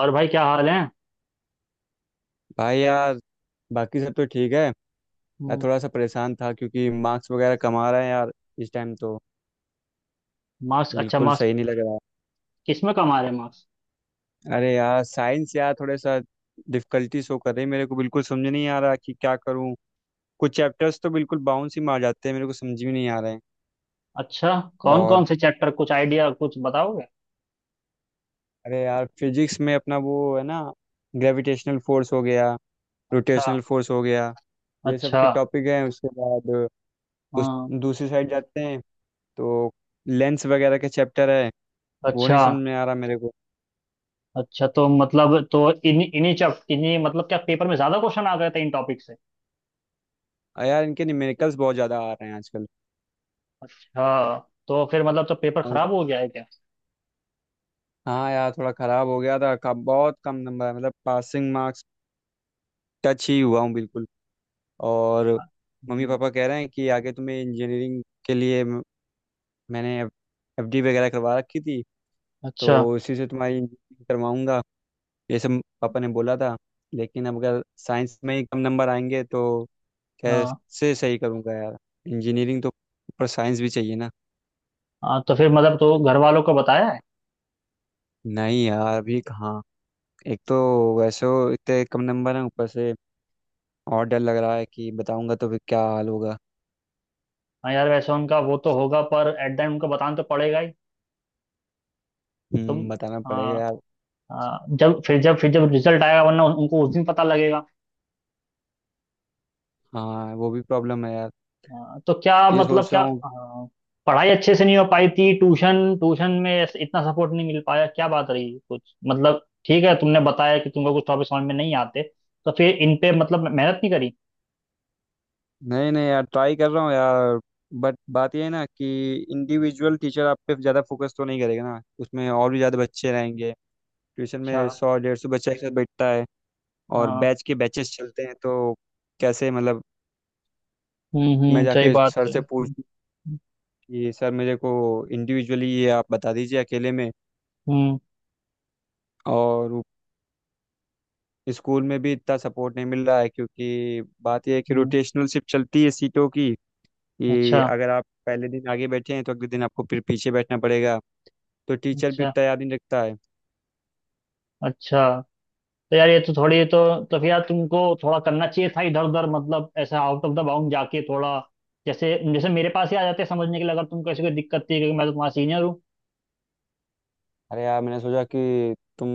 और भाई क्या हाल है। भाई यार, बाकी सब तो ठीक है। यार थोड़ा सा परेशान था क्योंकि मार्क्स वगैरह कम आ रहे हैं यार, इस टाइम तो मार्क्स? अच्छा, बिल्कुल मार्क्स। सही नहीं लग रहा है। किस में कम आ रहे मार्क्स? अरे यार, साइंस यार थोड़ा सा डिफिकल्टी शो कर रही है मेरे को, बिल्कुल समझ नहीं आ रहा कि क्या करूं। कुछ चैप्टर्स तो बिल्कुल बाउंस ही मार जाते हैं, मेरे को समझ में नहीं आ रहे हैं। अच्छा। कौन और कौन से चैप्टर, कुछ आइडिया, कुछ बताओगे? अरे यार, फिजिक्स में अपना वो है ना, ग्रेविटेशनल फोर्स हो गया, अच्छा। रोटेशनल फोर्स हो गया, ये सब अच्छा। के टॉपिक हैं। उसके बाद उस हाँ। दूसरी साइड जाते हैं तो लेंस वगैरह के चैप्टर है, वो नहीं अच्छा। समझ में आ रहा मेरे को। अच्छा, तो मतलब तो इन्हीं इन्हीं चैप्ट इन्हीं मतलब, क्या पेपर में ज्यादा क्वेश्चन आ गए थे इन टॉपिक से? यार, इनके न्यूमेरिकल्स बहुत ज़्यादा आ रहे हैं आजकल। हाँ, तो फिर मतलब तो पेपर और खराब हो गया है क्या? हाँ यार, थोड़ा ख़राब हो गया था, कब बहुत कम नंबर है, मतलब पासिंग मार्क्स टच ही हुआ हूँ बिल्कुल। और मम्मी हम्म। पापा कह रहे हैं कि आगे तुम्हें इंजीनियरिंग के लिए मैंने FD वगैरह करवा रखी थी, तो अच्छा। उसी से तुम्हारी इंजीनियरिंग करवाऊंगा, ये सब पापा ने बोला था। लेकिन अब अगर साइंस में ही कम नंबर आएंगे तो हाँ। कैसे सही करूँगा यार। इंजीनियरिंग तो, पर साइंस भी चाहिए ना। हाँ, तो फिर मतलब तो घर वालों को बताया है? नहीं यार, अभी कहाँ। एक तो वैसे वो इतने कम नंबर हैं, ऊपर से और डर लग रहा है कि बताऊंगा तो फिर क्या हाल होगा। हाँ यार, वैसे उनका वो तो होगा, पर एट द एंड उनको बताना तो पड़ेगा ही। तुम हम्म, बताना पड़ेगा हाँ। यार। जब रिजल्ट आएगा, वरना उनको उस दिन पता लगेगा। हाँ, वो भी प्रॉब्लम है यार, तो क्या ये मतलब, सोच रहा क्या हूँ। पढ़ाई अच्छे से नहीं हो पाई थी, ट्यूशन ट्यूशन में इतना सपोर्ट नहीं मिल पाया, क्या बात रही कुछ मतलब। ठीक है, तुमने बताया कि तुमको कुछ टॉपिक समझ में नहीं आते, तो फिर इन पे मतलब मेहनत नहीं करी? नहीं नहीं यार, ट्राई कर रहा हूँ यार। बट बात ये है ना कि इंडिविजुअल टीचर आप पे ज़्यादा फोकस तो नहीं करेगा ना, उसमें और भी ज़्यादा बच्चे रहेंगे। ट्यूशन अच्छा। में 100-150 बच्चा एक साथ बैठता है, और हाँ। बैच के बैचेस चलते हैं तो कैसे, मतलब। हम्म। मैं हम्म, सही जाके बात सर है। से पूछ हम्म। कि सर मेरे को इंडिविजुअली ये आप बता दीजिए अकेले में। हम्म। और स्कूल में भी इतना सपोर्ट नहीं मिल रहा है क्योंकि बात यह है कि हम्म। रोटेशनल शिफ्ट चलती है सीटों की, कि अच्छा। अगर आप पहले दिन आगे बैठे हैं तो अगले दिन आपको फिर पीछे बैठना पड़ेगा। तो टीचर भी अच्छा। उतना याद नहीं रखता है। अच्छा। तो यार ये तो थोड़ी तो। तो फिर यार तुमको थोड़ा करना चाहिए था इधर उधर, मतलब ऐसा आउट ऑफ द बाउंड जाके थोड़ा। जैसे जैसे मेरे पास ही आ जाते समझने के लिए, अगर तुमको ऐसी कोई दिक्कत थी, क्योंकि मैं तो तुम्हारा सीनियर हूँ। अरे यार, मैंने सोचा कि तुम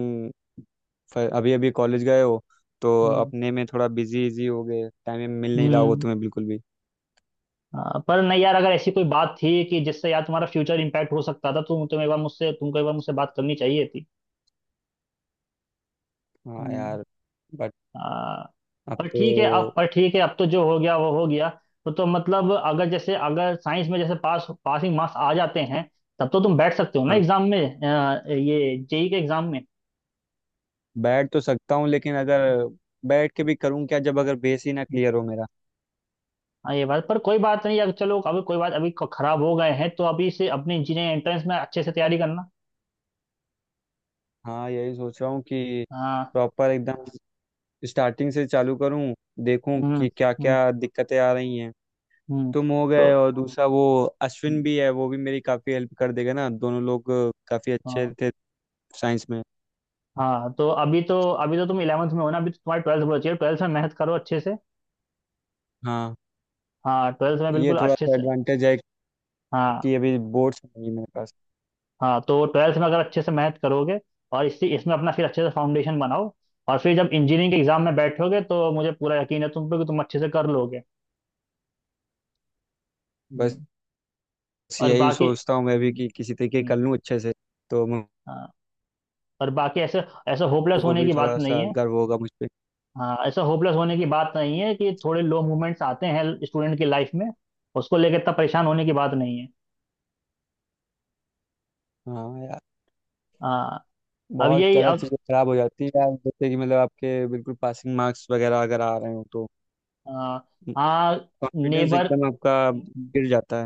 अभी अभी कॉलेज गए हो, तो हम्म। अपने में थोड़ा बिजी इजी हो गए, टाइम मिल नहीं रहा होगा हम्म। तुम्हें बिल्कुल भी। हाँ, पर नहीं यार, अगर ऐसी कोई बात थी कि जिससे यार तुम्हारा फ्यूचर इम्पैक्ट हो सकता था, तो तुमको एक बार मुझसे बात करनी चाहिए थी। हाँ यार, बट हम्म। अब तो। पर ठीक है अब तो जो हो गया वो हो गया। तो मतलब, अगर जैसे, अगर साइंस में जैसे पासिंग मार्क्स आ जाते हैं, तब तो तुम बैठ सकते हो ना हाँ, एग्जाम में, ये JEE के एग्जाम में। बैठ तो सकता हूँ लेकिन अगर बैठ के भी करूँ क्या, जब अगर बेस ही ना क्लियर हो मेरा। हाँ ये बात, पर कोई बात नहीं, अगर चलो अभी कोई बात, अभी खराब हो गए हैं, तो अभी से अपने इंजीनियरिंग एंट्रेंस में अच्छे से तैयारी करना। हाँ, यही सोच रहा हूँ कि हाँ। प्रॉपर एकदम स्टार्टिंग से चालू करूं, देखूं हम्म। कि क्या हम्म। क्या दिक्कतें आ रही हैं। हम्म। तुम हो तो गए और दूसरा वो अश्विन भी है, वो भी मेरी काफ़ी हेल्प कर देगा ना। दोनों लोग काफ़ी अच्छे हाँ। थे साइंस में। हाँ, तो, अभी तो तुम 11th में हो ना, अभी तो तुम्हारी 12th बची है, 12th में मेहनत करो अच्छे से। हाँ, हाँ, 12th में ये बिल्कुल थोड़ा अच्छे सा से। एडवांटेज है हाँ। कि अभी बोर्ड्स नहीं है मेरे पास। हाँ तो 12th में अगर अच्छे से मेहनत करोगे, और इसी इसमें अपना फिर अच्छे से फाउंडेशन बनाओ, और फिर जब इंजीनियरिंग के एग्जाम में बैठोगे, तो मुझे पूरा यकीन है तुम पे, कि तुम अच्छे से कर लोगे। बस हम्म। और यही बाकी। सोचता हूँ मैं भी हम्म। कि किसी तरीके कर हम्म। लूँ अच्छे से, तो मुझे हाँ, और बाकी ऐसे, ऐसे होपलेस को होने भी की बात थोड़ा नहीं सा है। गर्व होगा मुझ पे। हाँ, ऐसा होपलेस होने की बात नहीं है कि, थोड़े लो मोमेंट्स आते हैं स्टूडेंट की लाइफ में। उसको लेकर इतना परेशान होने की बात नहीं है। हाँ यार, हाँ। अब बहुत यही ज़्यादा अब चीज़ें खराब हो जाती है यार, जैसे कि मतलब आपके बिल्कुल पासिंग मार्क्स वगैरह अगर आ रहे हो तो आ, हाँ। Confidence neighbour. एकदम आपका गिर जाता है।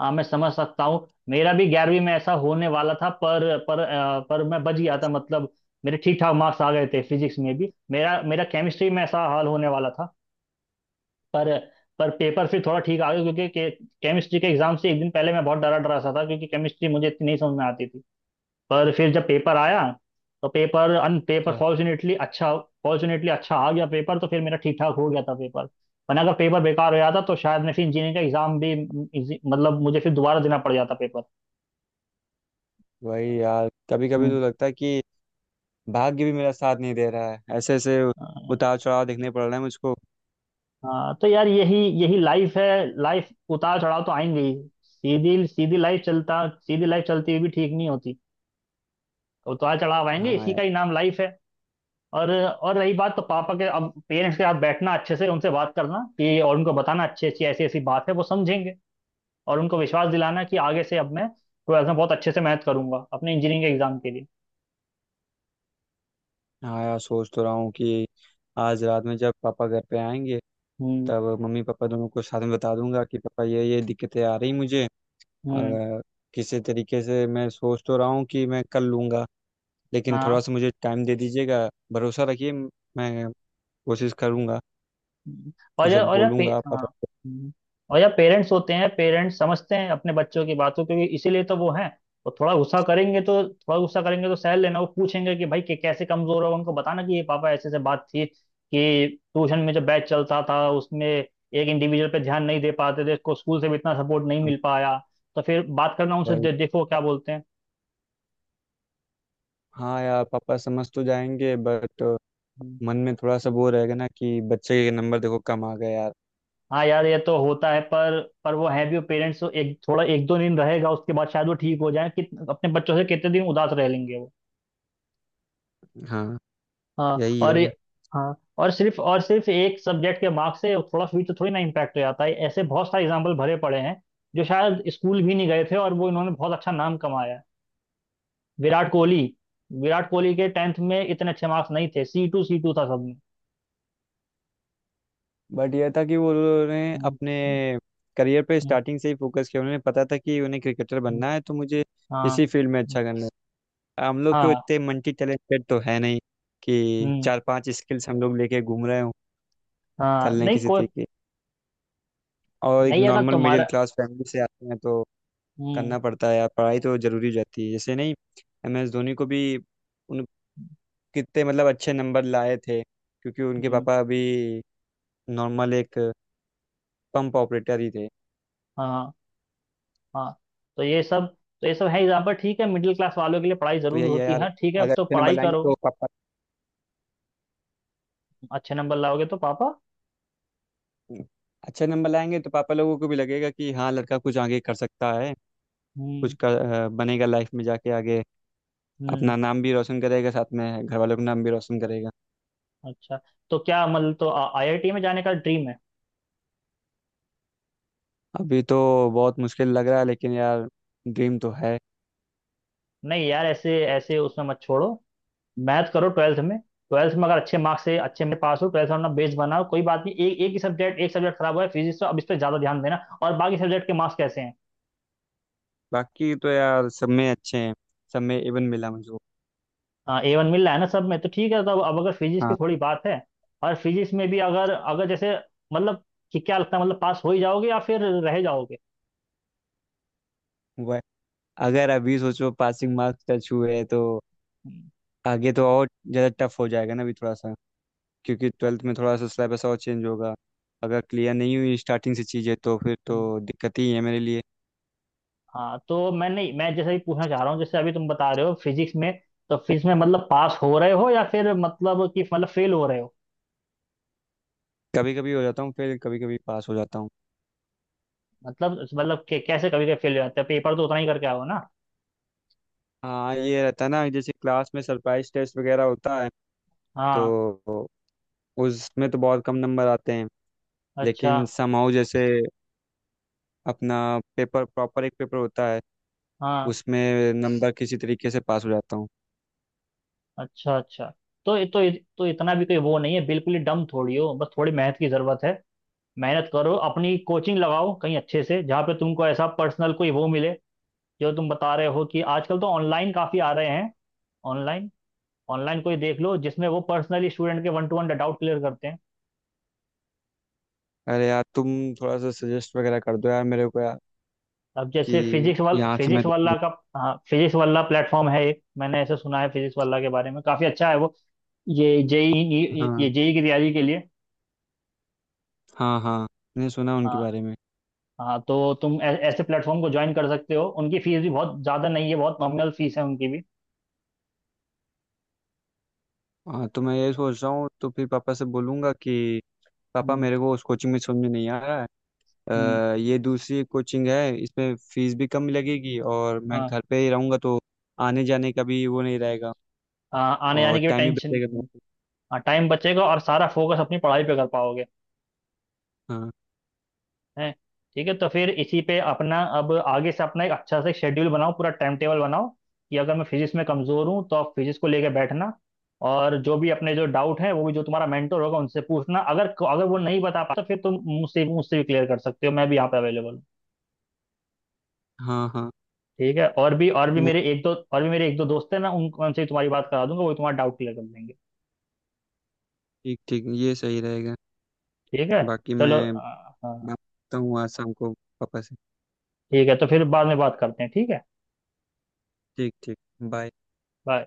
हाँ, मैं समझ सकता हूँ, मेरा भी 11वीं में ऐसा होने वाला था, पर पर मैं बच गया था मतलब। मेरे ठीक ठाक मार्क्स आ गए थे फिजिक्स में भी, मेरा मेरा केमिस्ट्री में ऐसा हाल होने वाला था। पर पर पेपर फिर थोड़ा ठीक आ गया, क्योंकि केमिस्ट्री के एग्जाम से एक दिन पहले मैं बहुत डरा डरा सा था, क्योंकि केमिस्ट्री मुझे इतनी नहीं समझ में आती थी। पर फिर जब पेपर आया, तो पेपर अच्छा, फॉर्चुनेटली अच्छा आ गया पेपर, तो फिर मेरा ठीक ठाक हो गया था पेपर। वरना अगर पेपर बेकार हो जाता, तो शायद मैं फिर इंजीनियरिंग का एग्जाम भी मतलब मुझे फिर दोबारा देना पड़ जाता पेपर। वही यार, कभी कभी हम्म। तो लगता है कि भाग्य भी मेरा साथ नहीं दे रहा है, ऐसे ऐसे अ, उतार चढ़ाव देखने पड़ रहे हैं मुझको। हाँ तो यार, यही यही लाइफ है। लाइफ, उतार चढ़ाव तो आएंगे ही। सीधी सीधी लाइफ चलता सीधी लाइफ चलती हुई भी ठीक नहीं होती। उतार चढ़ाव आएंगे, हाँ इसी यार। का ही नाम लाइफ है। और रही बात तो, पापा के अब पेरेंट्स के साथ बैठना अच्छे से, उनसे बात करना कि, और उनको बताना अच्छी अच्छी, ऐसी ऐसी बात है, वो समझेंगे। और उनको विश्वास दिलाना कि, आगे से अब मैं 12th में बहुत अच्छे से मेहनत करूंगा अपने इंजीनियरिंग के एग्जाम के लिए। हाँ यार, सोच तो रहा हूँ कि आज रात में जब पापा घर पे आएंगे, हम्म। तब मम्मी पापा दोनों को साथ में बता दूंगा कि पापा ये दिक्कतें आ रही मुझे। हम्म। अगर किसी तरीके से, मैं सोच तो रहा हूँ कि मैं कर लूंगा, लेकिन थोड़ा हाँ। सा मुझे टाइम दे दीजिएगा, भरोसा रखिए, मैं कोशिश करूंगा। हम्म। ये सब और यार पे, बोलूंगा हाँ। पापा को। हम्म। और यार, पेरेंट्स होते हैं, पेरेंट्स समझते हैं अपने बच्चों की बात को, क्योंकि इसीलिए तो वो हैं। वो थोड़ा गुस्सा करेंगे, तो थोड़ा गुस्सा करेंगे, तो सह लेना। वो पूछेंगे कि भाई, कि कैसे कमजोर हो, उनको बताना कि, ये पापा, ऐसे ऐसे बात थी कि, ट्यूशन में जब बैच चलता था, उसमें एक इंडिविजुअल पे ध्यान नहीं दे पाते थे, इसको स्कूल से भी इतना सपोर्ट नहीं हाँ मिल पाया। तो फिर बात करना उनसे, भाई, देखो क्या बोलते हाँ यार, पापा समझ तो जाएंगे बट हैं। मन में थोड़ा सा वो रहेगा ना कि बच्चे के नंबर देखो कम आ गए यार। हाँ यार, ये तो होता है, पर वो है भी, वो पेरेंट्स, एक थोड़ा एक दो दिन रहेगा, उसके बाद शायद वो ठीक हो जाए कि, अपने बच्चों से कितने दिन उदास रह लेंगे वो। हाँ, हाँ। यही है वह। हाँ। और सिर्फ एक सब्जेक्ट के मार्क्स से थोड़ा फ्यूचर थोड़ी ना इम्पैक्ट हो जाता है, ऐसे बहुत सारे एग्जाम्पल भरे पड़े हैं, जो शायद स्कूल भी नहीं गए थे और वो, इन्होंने बहुत अच्छा नाम कमाया है। विराट कोहली। विराट कोहली के 10th में इतने अच्छे मार्क्स नहीं थे, C2, C2 था सब में। बट यह था कि वो उन्होंने हम्म। अपने हम्म। करियर पे हम्म। स्टार्टिंग से ही फोकस किया, उन्हें पता था कि उन्हें क्रिकेटर हम्म। बनना है, तो मुझे हाँ। इसी फील्ड में हम्म। अच्छा करना है। हम लोग तो हाँ। इतने मल्टी टैलेंटेड तो है नहीं कि हम्म। 4-5 स्किल्स हम लोग लेके घूम रहे हो, कर हाँ। लें नहीं किसी कोई। तरीके। और एक नहीं, अगर नॉर्मल तुम्हारा। मिडिल क्लास फैमिली से आते हैं तो हम्म। करना पड़ता है यार, पढ़ाई तो जरूरी हो जाती है। जैसे नहीं MS धोनी को भी कितने मतलब अच्छे नंबर लाए थे, क्योंकि उनके हम्म। पापा अभी नॉर्मल एक पंप ऑपरेटर ही थे। हाँ। हाँ तो ये सब, तो ये सब है एग्जाम्पल, ठीक है, मिडिल क्लास वालों के लिए पढ़ाई तो जरूरी यही है होती यार, है, ठीक है, अगर तो अच्छे नंबर पढ़ाई लाएंगे करो। तो पापा, अच्छे नंबर लाओगे तो पापा। अच्छे नंबर लाएंगे तो पापा लोगों को भी लगेगा कि हाँ, लड़का कुछ आगे कर सकता है, कुछ हम्म। कर, बनेगा लाइफ में जाके आगे, हम्म। अपना नाम भी रोशन करेगा साथ में घर वालों का नाम भी रोशन करेगा। अच्छा, तो क्या मतलब, तो IIT में जाने का ड्रीम है? अभी तो बहुत मुश्किल लग रहा है लेकिन यार, ड्रीम तो है। नहीं यार, ऐसे ऐसे उसमें मत छोड़ो, मैथ करो 12th में, 12th में अगर अच्छे मार्क्स से अच्छे में पास हो, 12th में अपना बेस बनाओ, कोई बात नहीं, एक एक ही सब्जेक्ट, एक सब्जेक्ट खराब हुआ है फिजिक्स, तो अब इस पर ज्यादा ध्यान देना। और बाकी सब्जेक्ट के मार्क्स कैसे हैं? बाकी तो यार सब में अच्छे हैं, सब में इवन मिला मुझे। हाँ, A1 मिल रहा है ना सब में, तो ठीक है, तो अब अगर फिजिक्स की हाँ, थोड़ी बात है, और फिजिक्स में भी अगर अगर जैसे मतलब कि क्या लगता है, मतलब पास हो ही जाओगे या फिर रह जाओगे? वह, अगर अभी सोचो पासिंग मार्क्स टच हुए तो हम्म। आगे तो और ज़्यादा टफ हो जाएगा ना अभी, थोड़ा सा, क्योंकि अच्छा। ट्वेल्थ में थोड़ा सा सिलेबस और चेंज होगा। अगर क्लियर नहीं हुई स्टार्टिंग से चीज़ें तो फिर तो हम्म। दिक्कत ही है मेरे लिए। हाँ, तो मैंने, मैं जैसे ही पूछना चाह रहा हूँ, जैसे अभी तुम बता रहे हो फिजिक्स में, तो फिजिक्स में मतलब पास हो रहे हो, या फिर मतलब कि मतलब फेल हो रहे हो? कभी कभी हो जाता हूँ, फिर कभी कभी पास हो जाता हूँ। मतलब कि, कैसे कभी कभी फेल हो जाते हैं पेपर तो, उतना ही करके आओ ना। हाँ, ये रहता है ना, जैसे क्लास में सरप्राइज टेस्ट वगैरह होता है हाँ। तो उसमें तो बहुत कम नंबर आते हैं। अच्छा। लेकिन समहाउ, जैसे अपना पेपर प्रॉपर एक पेपर होता है, हाँ। उसमें नंबर किसी तरीके से पास हो जाता हूँ। अच्छा। अच्छा। तो तो इतना भी कोई वो नहीं है, बिल्कुल ही डम थोड़ी हो, बस थोड़ी मेहनत की जरूरत है। मेहनत करो, अपनी कोचिंग लगाओ कहीं अच्छे से, जहाँ पे तुमको ऐसा पर्सनल कोई वो मिले, जो तुम बता रहे हो कि आजकल तो ऑनलाइन काफ़ी आ रहे हैं। ऑनलाइन। ऑनलाइन कोई देख लो जिसमें वो पर्सनली स्टूडेंट के one to one doubt clear करते हैं। अरे यार, तुम थोड़ा सा सजेस्ट वगैरह कर दो यार मेरे को यार, अब जैसे कि यहाँ से मैं। फिजिक्स वाला का। हाँ, फिजिक्स वाला प्लेटफॉर्म है एक, मैंने ऐसे सुना है फिजिक्स वाला के बारे में, काफ़ी अच्छा है वो। ये जेई। हाँ, ये जेई की तैयारी के लिए। हाँ, हाँ, मैंने सुना उनके हाँ। बारे में। हाँ तो तुम ऐसे प्लेटफॉर्म को ज्वाइन कर सकते हो, उनकी फीस भी बहुत ज़्यादा नहीं है, बहुत नॉमिनल फीस है उनकी भी। हाँ, तो मैं ये सोच रहा हूँ, तो फिर पापा से बोलूँगा कि पापा हम्म। मेरे को उस कोचिंग में समझ में नहीं आ रहा है, हम्म। ये दूसरी कोचिंग है, इसमें फीस भी कम लगेगी और मैं हाँ। घर पे ही रहूँगा, तो आने जाने का भी वो नहीं रहेगा, हाँ, आने जाने और की भी टाइम भी टेंशन। बचेगा मेरे को। हाँ, टाइम बचेगा और सारा फोकस अपनी पढ़ाई पे कर पाओगे। हाँ, हैं। ठीक है, तो फिर इसी पे अपना अब आगे से अपना एक अच्छा से शेड्यूल बनाओ, पूरा टाइम टेबल बनाओ, कि अगर मैं फिजिक्स में कमज़ोर हूँ तो आप फिजिक्स को लेके बैठना, और जो भी अपने जो डाउट है वो भी, जो तुम्हारा मेंटर होगा उनसे पूछना, अगर अगर वो नहीं बता पाता तो फिर तुम मुझसे मुझसे भी क्लियर कर सकते हो, मैं भी यहाँ पे अवेलेबल हूँ। हाँ, हाँ, ठीक है, मैं, और भी मेरे एक दो दोस्त हैं ना, उन उनसे भी तुम्हारी बात करा दूंगा, वो भी तुम्हारा डाउट क्लियर कर देंगे। ठीक ठीक, ये सही रहेगा। ठीक है, बाकी चलो, मैं हाँ। बात करता हूँ आज शाम को पापा से। ठीक है, तो फिर बाद में बात करते हैं, ठीक है। ठीक ठीक, बाय। बाय।